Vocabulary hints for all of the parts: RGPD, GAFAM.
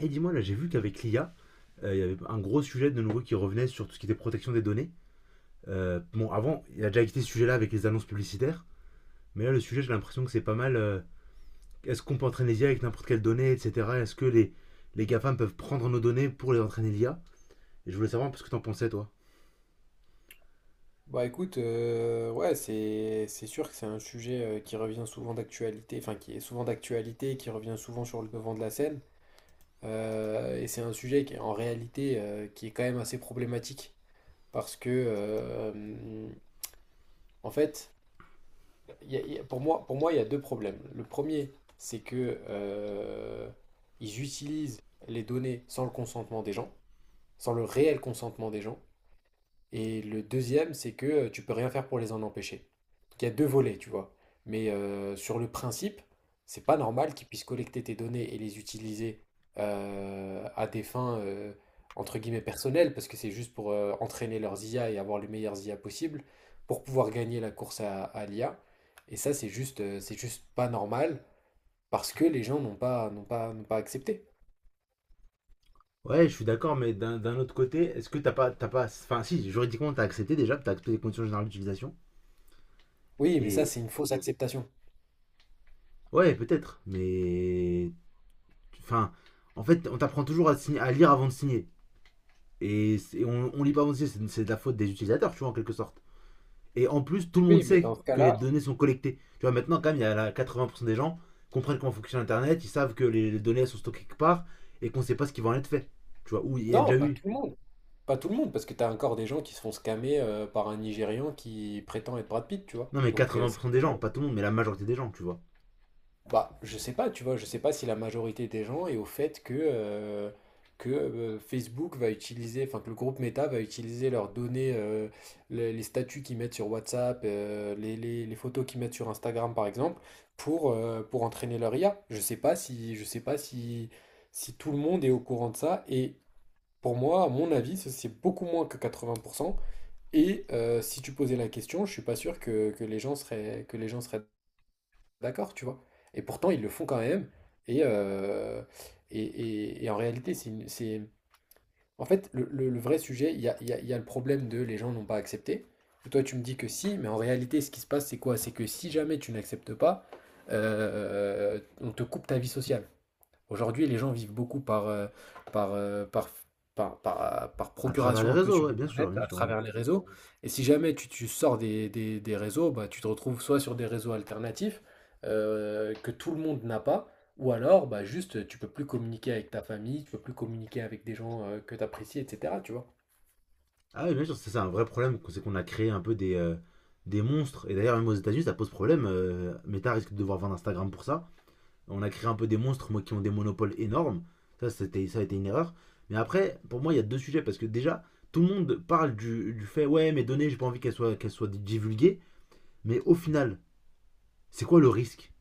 Et dis-moi, là, j'ai vu qu'avec l'IA, il y avait un gros sujet de nouveau qui revenait sur tout ce qui était protection des données. Bon, avant, il y a déjà été ce sujet-là avec les annonces publicitaires, mais là, le sujet, j'ai l'impression que c'est pas mal. Est-ce qu'on peut entraîner l'IA avec n'importe quelle donnée, etc. Est-ce que les GAFAM peuvent prendre nos données pour les entraîner l'IA? Et je voulais savoir parce que t'en pensais, toi. Bah écoute, ouais, c'est sûr que c'est un sujet qui revient souvent d'actualité, enfin qui est souvent d'actualité, qui revient souvent sur le devant de la scène. Et c'est un sujet qui est en réalité qui est quand même assez problématique parce que en fait, pour moi, il y a deux problèmes. Le premier, c'est que ils utilisent les données sans le consentement des gens, sans le réel consentement des gens. Et le deuxième, c'est que tu peux rien faire pour les en empêcher. Donc il y a deux volets, tu vois. Sur le principe, c'est pas normal qu'ils puissent collecter tes données et les utiliser à des fins entre guillemets personnelles, parce que c'est juste pour entraîner leurs IA et avoir les meilleures IA possibles pour pouvoir gagner la course à l'IA. Et ça, c'est juste pas normal parce que les gens n'ont pas accepté. Ouais, je suis d'accord, mais d'un autre côté, est-ce que t'as pas. Enfin, si, juridiquement, t'as accepté déjà, t'as accepté les conditions générales d'utilisation. Oui, mais ça, Et. c'est une fausse acceptation. Ouais, peut-être, mais. Enfin, en fait, on t'apprend toujours à, à lire avant de signer. Et, on lit pas avancé, c'est de la faute des utilisateurs, tu vois, en quelque sorte. Et en plus, tout le monde Oui, mais sait dans ce que les cas-là, données sont collectées. Tu vois, maintenant, quand même, il y a la- 80% des gens comprennent comment fonctionne Internet, ils savent que les données sont stockées quelque part et qu'on sait pas ce qui va en être fait. Tu vois, où il y a non, déjà pas eu. tout le monde. Pas tout le monde, parce que t'as encore des gens qui se font scammer par un Nigérian qui prétend être Brad Pitt, tu vois. Non, mais Donc, c'est 80% qu'il y des a gens, pas- pas tout le monde, mais la majorité des gens, tu vois. bah, je sais pas, tu vois, je sais pas si la majorité des gens est au fait que Facebook va utiliser, enfin que le groupe Meta va utiliser leurs données, les statuts qu'ils mettent sur WhatsApp, les photos qu'ils mettent sur Instagram, par exemple, pour entraîner leur IA. Je sais pas si, je sais pas si, Si tout le monde est au courant de ça, et pour moi, à mon avis, c'est beaucoup moins que 80% et si tu posais la question, je suis pas sûr que les gens seraient d'accord, tu vois. Et pourtant, ils le font quand même. Et, euh, et en réalité, c'est, une- c'est... En fait, le vrai sujet, il y a le problème de les gens n'ont pas accepté. Et toi, tu me dis que si, mais en réalité, ce qui se passe, c'est quoi? C'est que si jamais tu n'acceptes pas, on te coupe ta vie sociale. Aujourd'hui, les gens vivent beaucoup par, euh, par, par À travers les procuration un peu réseaux, sur ouais, bien Internet, sûr, bien à sûr. travers les réseaux. Et si jamais tu sors des réseaux, bah, tu te retrouves soit sur des réseaux alternatifs que tout le monde n'a pas, ou alors bah, juste tu peux plus communiquer avec ta famille, tu peux plus communiquer avec des gens que tu apprécies, etc. Tu vois. Ah oui, bien sûr, c'est ça, un vrai problème, c'est qu'on a créé un peu des monstres. Et d'ailleurs, même aux États-Unis, ça pose problème. Meta risque de devoir vendre Instagram pour ça. On a créé un peu des monstres moi, qui ont des monopoles énormes. Ça, c'était, ça a été une erreur. Mais après, pour moi, il y a deux sujets. Parce que déjà, tout le monde parle du fait ouais, mes données, j'ai pas envie qu'elles soient divulguées. Mais au final, c'est quoi le risque?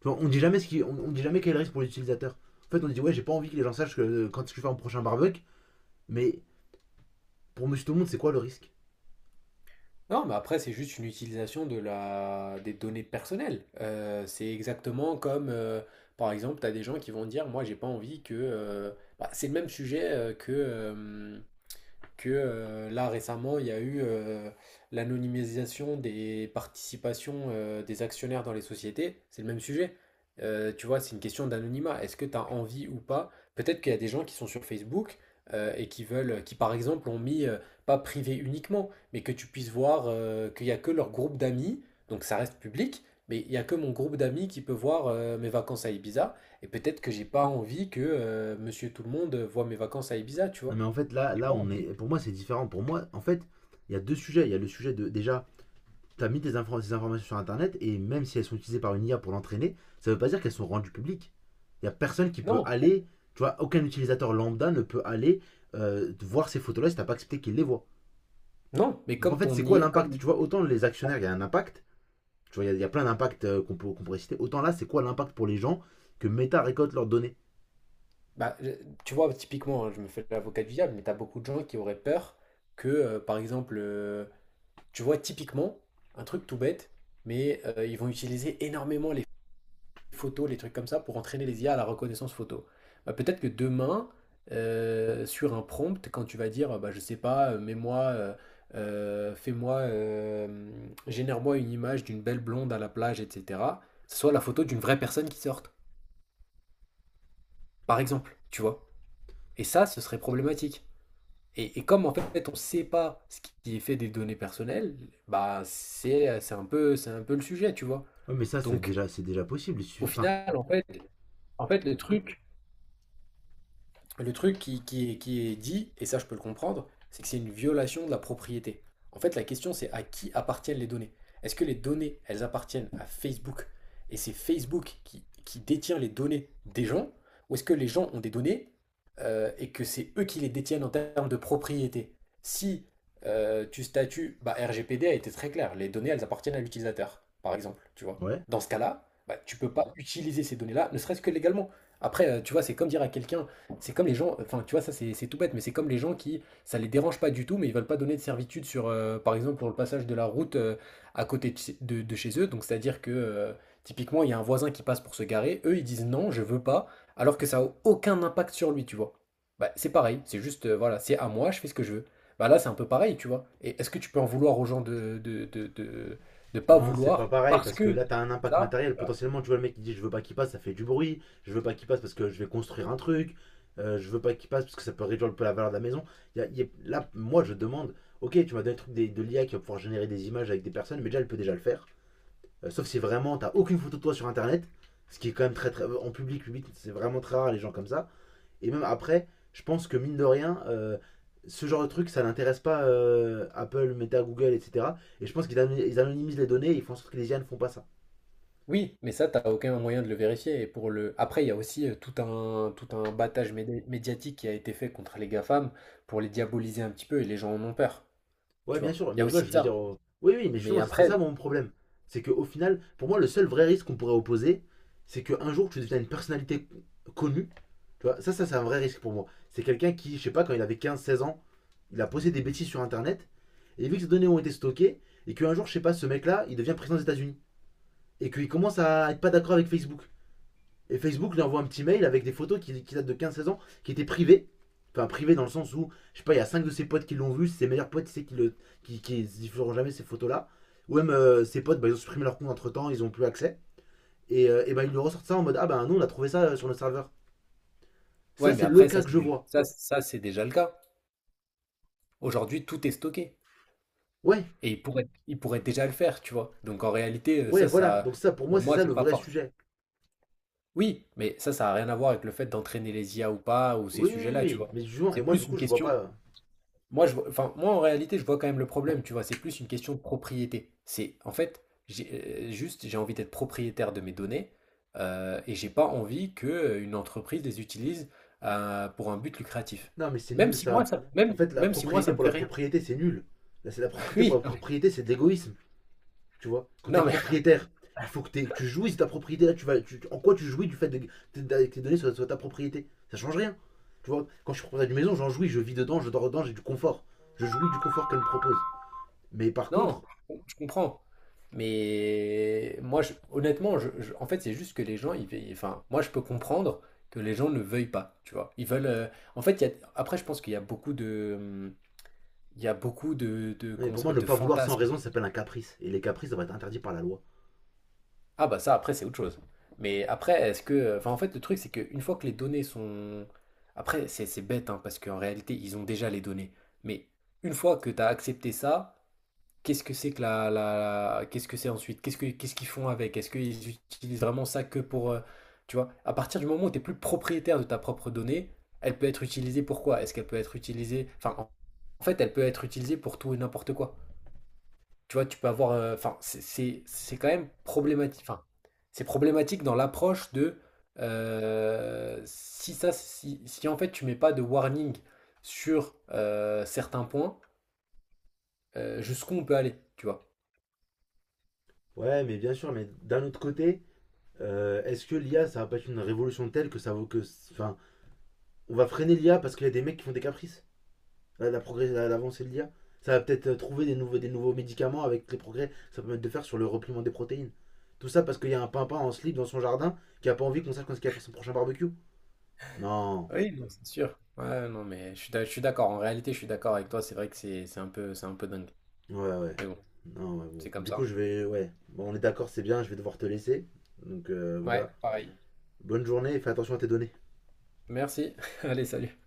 Tu vois, on dit jamais ce qui, on dit jamais quel est le risque pour l'utilisateur. En fait, on dit ouais, j'ai pas envie que les gens sachent que, quand je fais mon prochain barbecue. Mais pour Monsieur Tout le Monde, c'est quoi le risque? Non, mais après, c'est juste une utilisation de la... des données personnelles. C'est exactement comme, par exemple, tu as des gens qui vont dire, moi, j'ai pas envie que... bah, c'est le même sujet que là récemment, il y a eu l'anonymisation des participations des actionnaires dans les sociétés. C'est le même sujet. Tu vois, c'est une question d'anonymat. Est-ce que tu as envie ou pas? Peut-être qu'il y a des gens qui sont sur Facebook et qui veulent, qui par exemple ont mis, pas privé uniquement, mais que tu puisses voir qu'il n'y a que leur groupe d'amis, donc ça reste public, mais il n'y a que mon groupe d'amis qui peut voir mes vacances à Ibiza. Et peut-être que j'ai pas envie que Monsieur Tout le Monde voit mes vacances à Ibiza, tu Non, vois. mais en fait, là, J'ai là, pas on envie. est. Pour moi, c'est différent. Pour moi, en fait, il y a deux sujets. Il y a le sujet de déjà tu as mis des informations sur Internet et même si elles sont utilisées par une IA pour l'entraîner, ça ne veut pas dire qu'elles sont rendues publiques. Il n'y a personne qui peut Non, aller, tu vois, aucun utilisateur lambda ne peut aller voir ces photos-là si tu n'as pas accepté qu'il les voit. non, mais Donc en fait, c'est quoi l'impact? comme Tu vois, autant les actionnaires, il y a un impact, tu vois, y, a plein d'impacts qu'on pourrait citer, autant là, c'est quoi l'impact pour les gens que Meta récolte leurs données? bah, tu vois, typiquement, hein, je me fais l'avocat du diable, mais t'as beaucoup de gens qui auraient peur par exemple, tu vois, typiquement, un truc tout bête, mais ils vont utiliser énormément les photos, les trucs comme ça, pour entraîner les IA à la reconnaissance photo. Bah, peut-être que demain, sur un prompt, quand tu vas dire, bah, je sais pas, euh, fais-moi, euh, génère-moi une image d'une belle blonde à la plage, etc., ce soit la photo d'une vraie personne qui sorte, par exemple, tu vois. Et ça, ce serait problématique. Et comme en fait, on ne sait pas ce qui est fait des données personnelles, bah c'est un peu le sujet, tu vois. Ouais, mais ça, c'est Donc déjà, c'est déjà possible. au Enfin, final, en fait le truc Le truc qui est dit, et ça je peux le comprendre, c'est que c'est une violation de la propriété. En fait, la question c'est à qui appartiennent les données. Est-ce que les données, elles appartiennent à Facebook et c'est Facebook qui détient les données des gens, ou est-ce que les gens ont des données et que c'est eux qui les détiennent en termes de propriété? Si tu statues, bah, RGPD a été très clair, les données, elles appartiennent à l'utilisateur, par exemple, tu vois. ouais. Dans ce cas-là, bah, tu peux pas utiliser ces données-là, ne serait-ce que légalement. Après, tu vois, c'est comme dire à quelqu'un, c'est comme les gens, enfin tu vois, ça c'est tout bête, mais c'est comme les gens qui, ça les dérange pas du tout, mais ils veulent pas donner de servitude sur, par exemple, pour le passage de la route à côté de, de chez eux. Donc c'est-à-dire que typiquement, il y a un voisin qui passe pour se garer, eux ils disent non, je veux pas, alors que ça a aucun impact sur lui, tu vois. Bah, c'est pareil, c'est juste, voilà, c'est à moi, je fais ce que je veux. Bah là, c'est un peu pareil, tu vois. Et est-ce que tu peux en vouloir aux gens de pas Non, c'est pas vouloir pareil parce parce que que là, t'as un impact ça. matériel. Potentiellement, tu vois le mec qui dit je veux pas qu'il passe, ça fait du bruit. Je veux pas qu'il passe parce que je vais construire un truc. Je veux pas qu'il passe parce que ça peut réduire un peu la valeur de la maison. Il y a- y a- là, moi, je demande ok, tu m'as donné le truc de l'IA qui va pouvoir générer des images avec des personnes, mais déjà, elle peut déjà le faire. Sauf si vraiment, t'as aucune photo de toi sur internet, ce qui est quand même très très. En public, public, c'est vraiment très rare les gens comme ça. Et même après, je pense que mine de rien, ce genre de truc, ça n'intéresse pas Apple, Meta, Google, etc. Et je pense qu'ils ano- ils anonymisent les données et ils font en sorte que les IA ne font pas ça. Oui, mais ça, t'as aucun moyen de le vérifier. Et pour le... Après, il y a aussi tout un, médiatique qui a été fait contre les GAFAM pour les diaboliser un petit peu et les gens en ont peur. Ouais, Tu bien vois. sûr, Il y mais a tu vois, aussi je de veux ça. dire. Oui, oui, mais Mais justement, c'est après, ça mon problème. C'est qu'au final, pour moi, le seul vrai risque qu'on pourrait opposer, c'est qu'un jour, tu deviens une personnalité connue. Tu vois, ça, c'est un vrai risque pour moi. C'est quelqu'un qui, je sais pas, quand il avait 15, 16 ans, il a posté des bêtises sur Internet. Et vu que ces données ont été stockées, et qu'un jour, je sais pas, ce mec-là, il devient président des États-Unis. Et qu'il commence à être pas d'accord avec Facebook. Et Facebook lui envoie un petit mail avec des photos qui datent de 15 16 ans, qui étaient privées. Enfin, privées dans le sens où, je sais pas, il y a 5 de ses potes qui l'ont vu, ses meilleurs potes, c'est qui ne, qui diffuseront jamais ces photos-là. Ou même ses potes, bah, ils ont supprimé leur compte entre temps, ils n'ont plus accès. Et bah, ils lui ressortent ça en mode Ah bah nous, on a trouvé ça sur notre serveur. ouais, Ça, mais c'est le après, ça, cas que je vois. C'est déjà le cas. Aujourd'hui, tout est stocké. Ouais, Et ils pourraient déjà le faire, tu vois. Donc en réalité, ouais, voilà. Donc, ça, pour moi, pour c'est moi, ça le c'est pas vrai fort. sujet. Oui, mais ça a rien à voir avec le fait d'entraîner les IA ou pas, ou ces Oui, oui, oui, sujets-là, tu oui. vois. Mais du coup, et C'est moi, du plus coup, une je vois pas. question. Enfin, moi, en réalité, je vois quand même le problème, tu vois, c'est plus une question de propriété. C'est, en fait, j'ai envie d'être propriétaire de mes données et j'ai pas envie que une entreprise les utilise pour un but lucratif. Non, mais c'est nul ça. En fait, la Même si moi, ça propriété me pour fait la rien. propriété, c'est nul. Là, c'est la propriété pour Oui, la propriété, c'est de l'égoïsme. Tu vois, quand t'es non, mais propriétaire, il faut que, que tu jouisses de ta propriété. Là, tu vas, en quoi tu jouis du fait que tes données soient, ta propriété? Ça change rien. Tu vois, quand je suis propriétaire d'une maison, j'en jouis, je vis dedans, je dors dedans, j'ai du confort. Je jouis du confort qu'elle me propose. Mais par contre, non, je comprends. Mais moi, honnêtement, en fait, c'est juste que les gens, enfin, moi, je peux comprendre que les gens ne veuillent pas, tu vois. Ils veulent, en fait, après, je pense qu'il y a beaucoup de, Il y a beaucoup de non, mais comment ça pour moi, s'appelle, ne de pas vouloir sans fantasmes. raison, ça s'appelle un caprice. Et les caprices doivent être interdits par la loi. Ah bah ça, après, c'est autre chose. Mais après, est-ce que... Enfin, en fait, le truc, c'est qu'une fois que les données sont... Après, c'est bête, hein, parce qu'en réalité, ils ont déjà les données. Mais une fois que tu as accepté ça, qu'est-ce que c'est que Qu'est-ce que c'est ensuite? Qu'est-ce qu'ils font avec? Est-ce qu'ils utilisent vraiment ça que pour... Tu vois, à partir du moment où tu n'es plus propriétaire de ta propre donnée, elle peut être utilisée pour quoi? Est-ce qu'elle peut être utilisée... En fait, elle peut être utilisée pour tout et n'importe quoi. Tu vois, tu peux avoir. Enfin, c'est quand même problématique. Enfin, c'est problématique dans l'approche de si si en fait tu mets pas de warning sur certains points, jusqu'où on peut aller, tu vois. Ouais, mais bien sûr, mais d'un autre côté, est-ce que l'IA, ça va pas être une révolution telle que ça vaut que. Enfin, on va freiner l'IA parce qu'il y a des mecs qui font des caprices. La progrès, l'avancée de l'IA. Ça va peut-être trouver des nouveaux médicaments avec les progrès que ça permet de faire sur le repliement des protéines. Tout ça parce qu'il y a un pimpin en slip dans son jardin qui a pas envie qu'on sache quand il va faire son prochain barbecue. Non. Oui, non, c'est sûr. Ouais, non, mais je suis d'accord. En réalité, je suis d'accord avec toi. C'est vrai que c'est un peu dingue. Ouais, ouais. Mais bon, Non, ouais, bon. c'est comme Du coup, ça. je vais. Ouais. Bon, on est d'accord, c'est bien, je vais devoir te laisser. Donc Ouais, voilà. pareil. Bonne journée et fais attention à tes données. Merci. Allez, salut.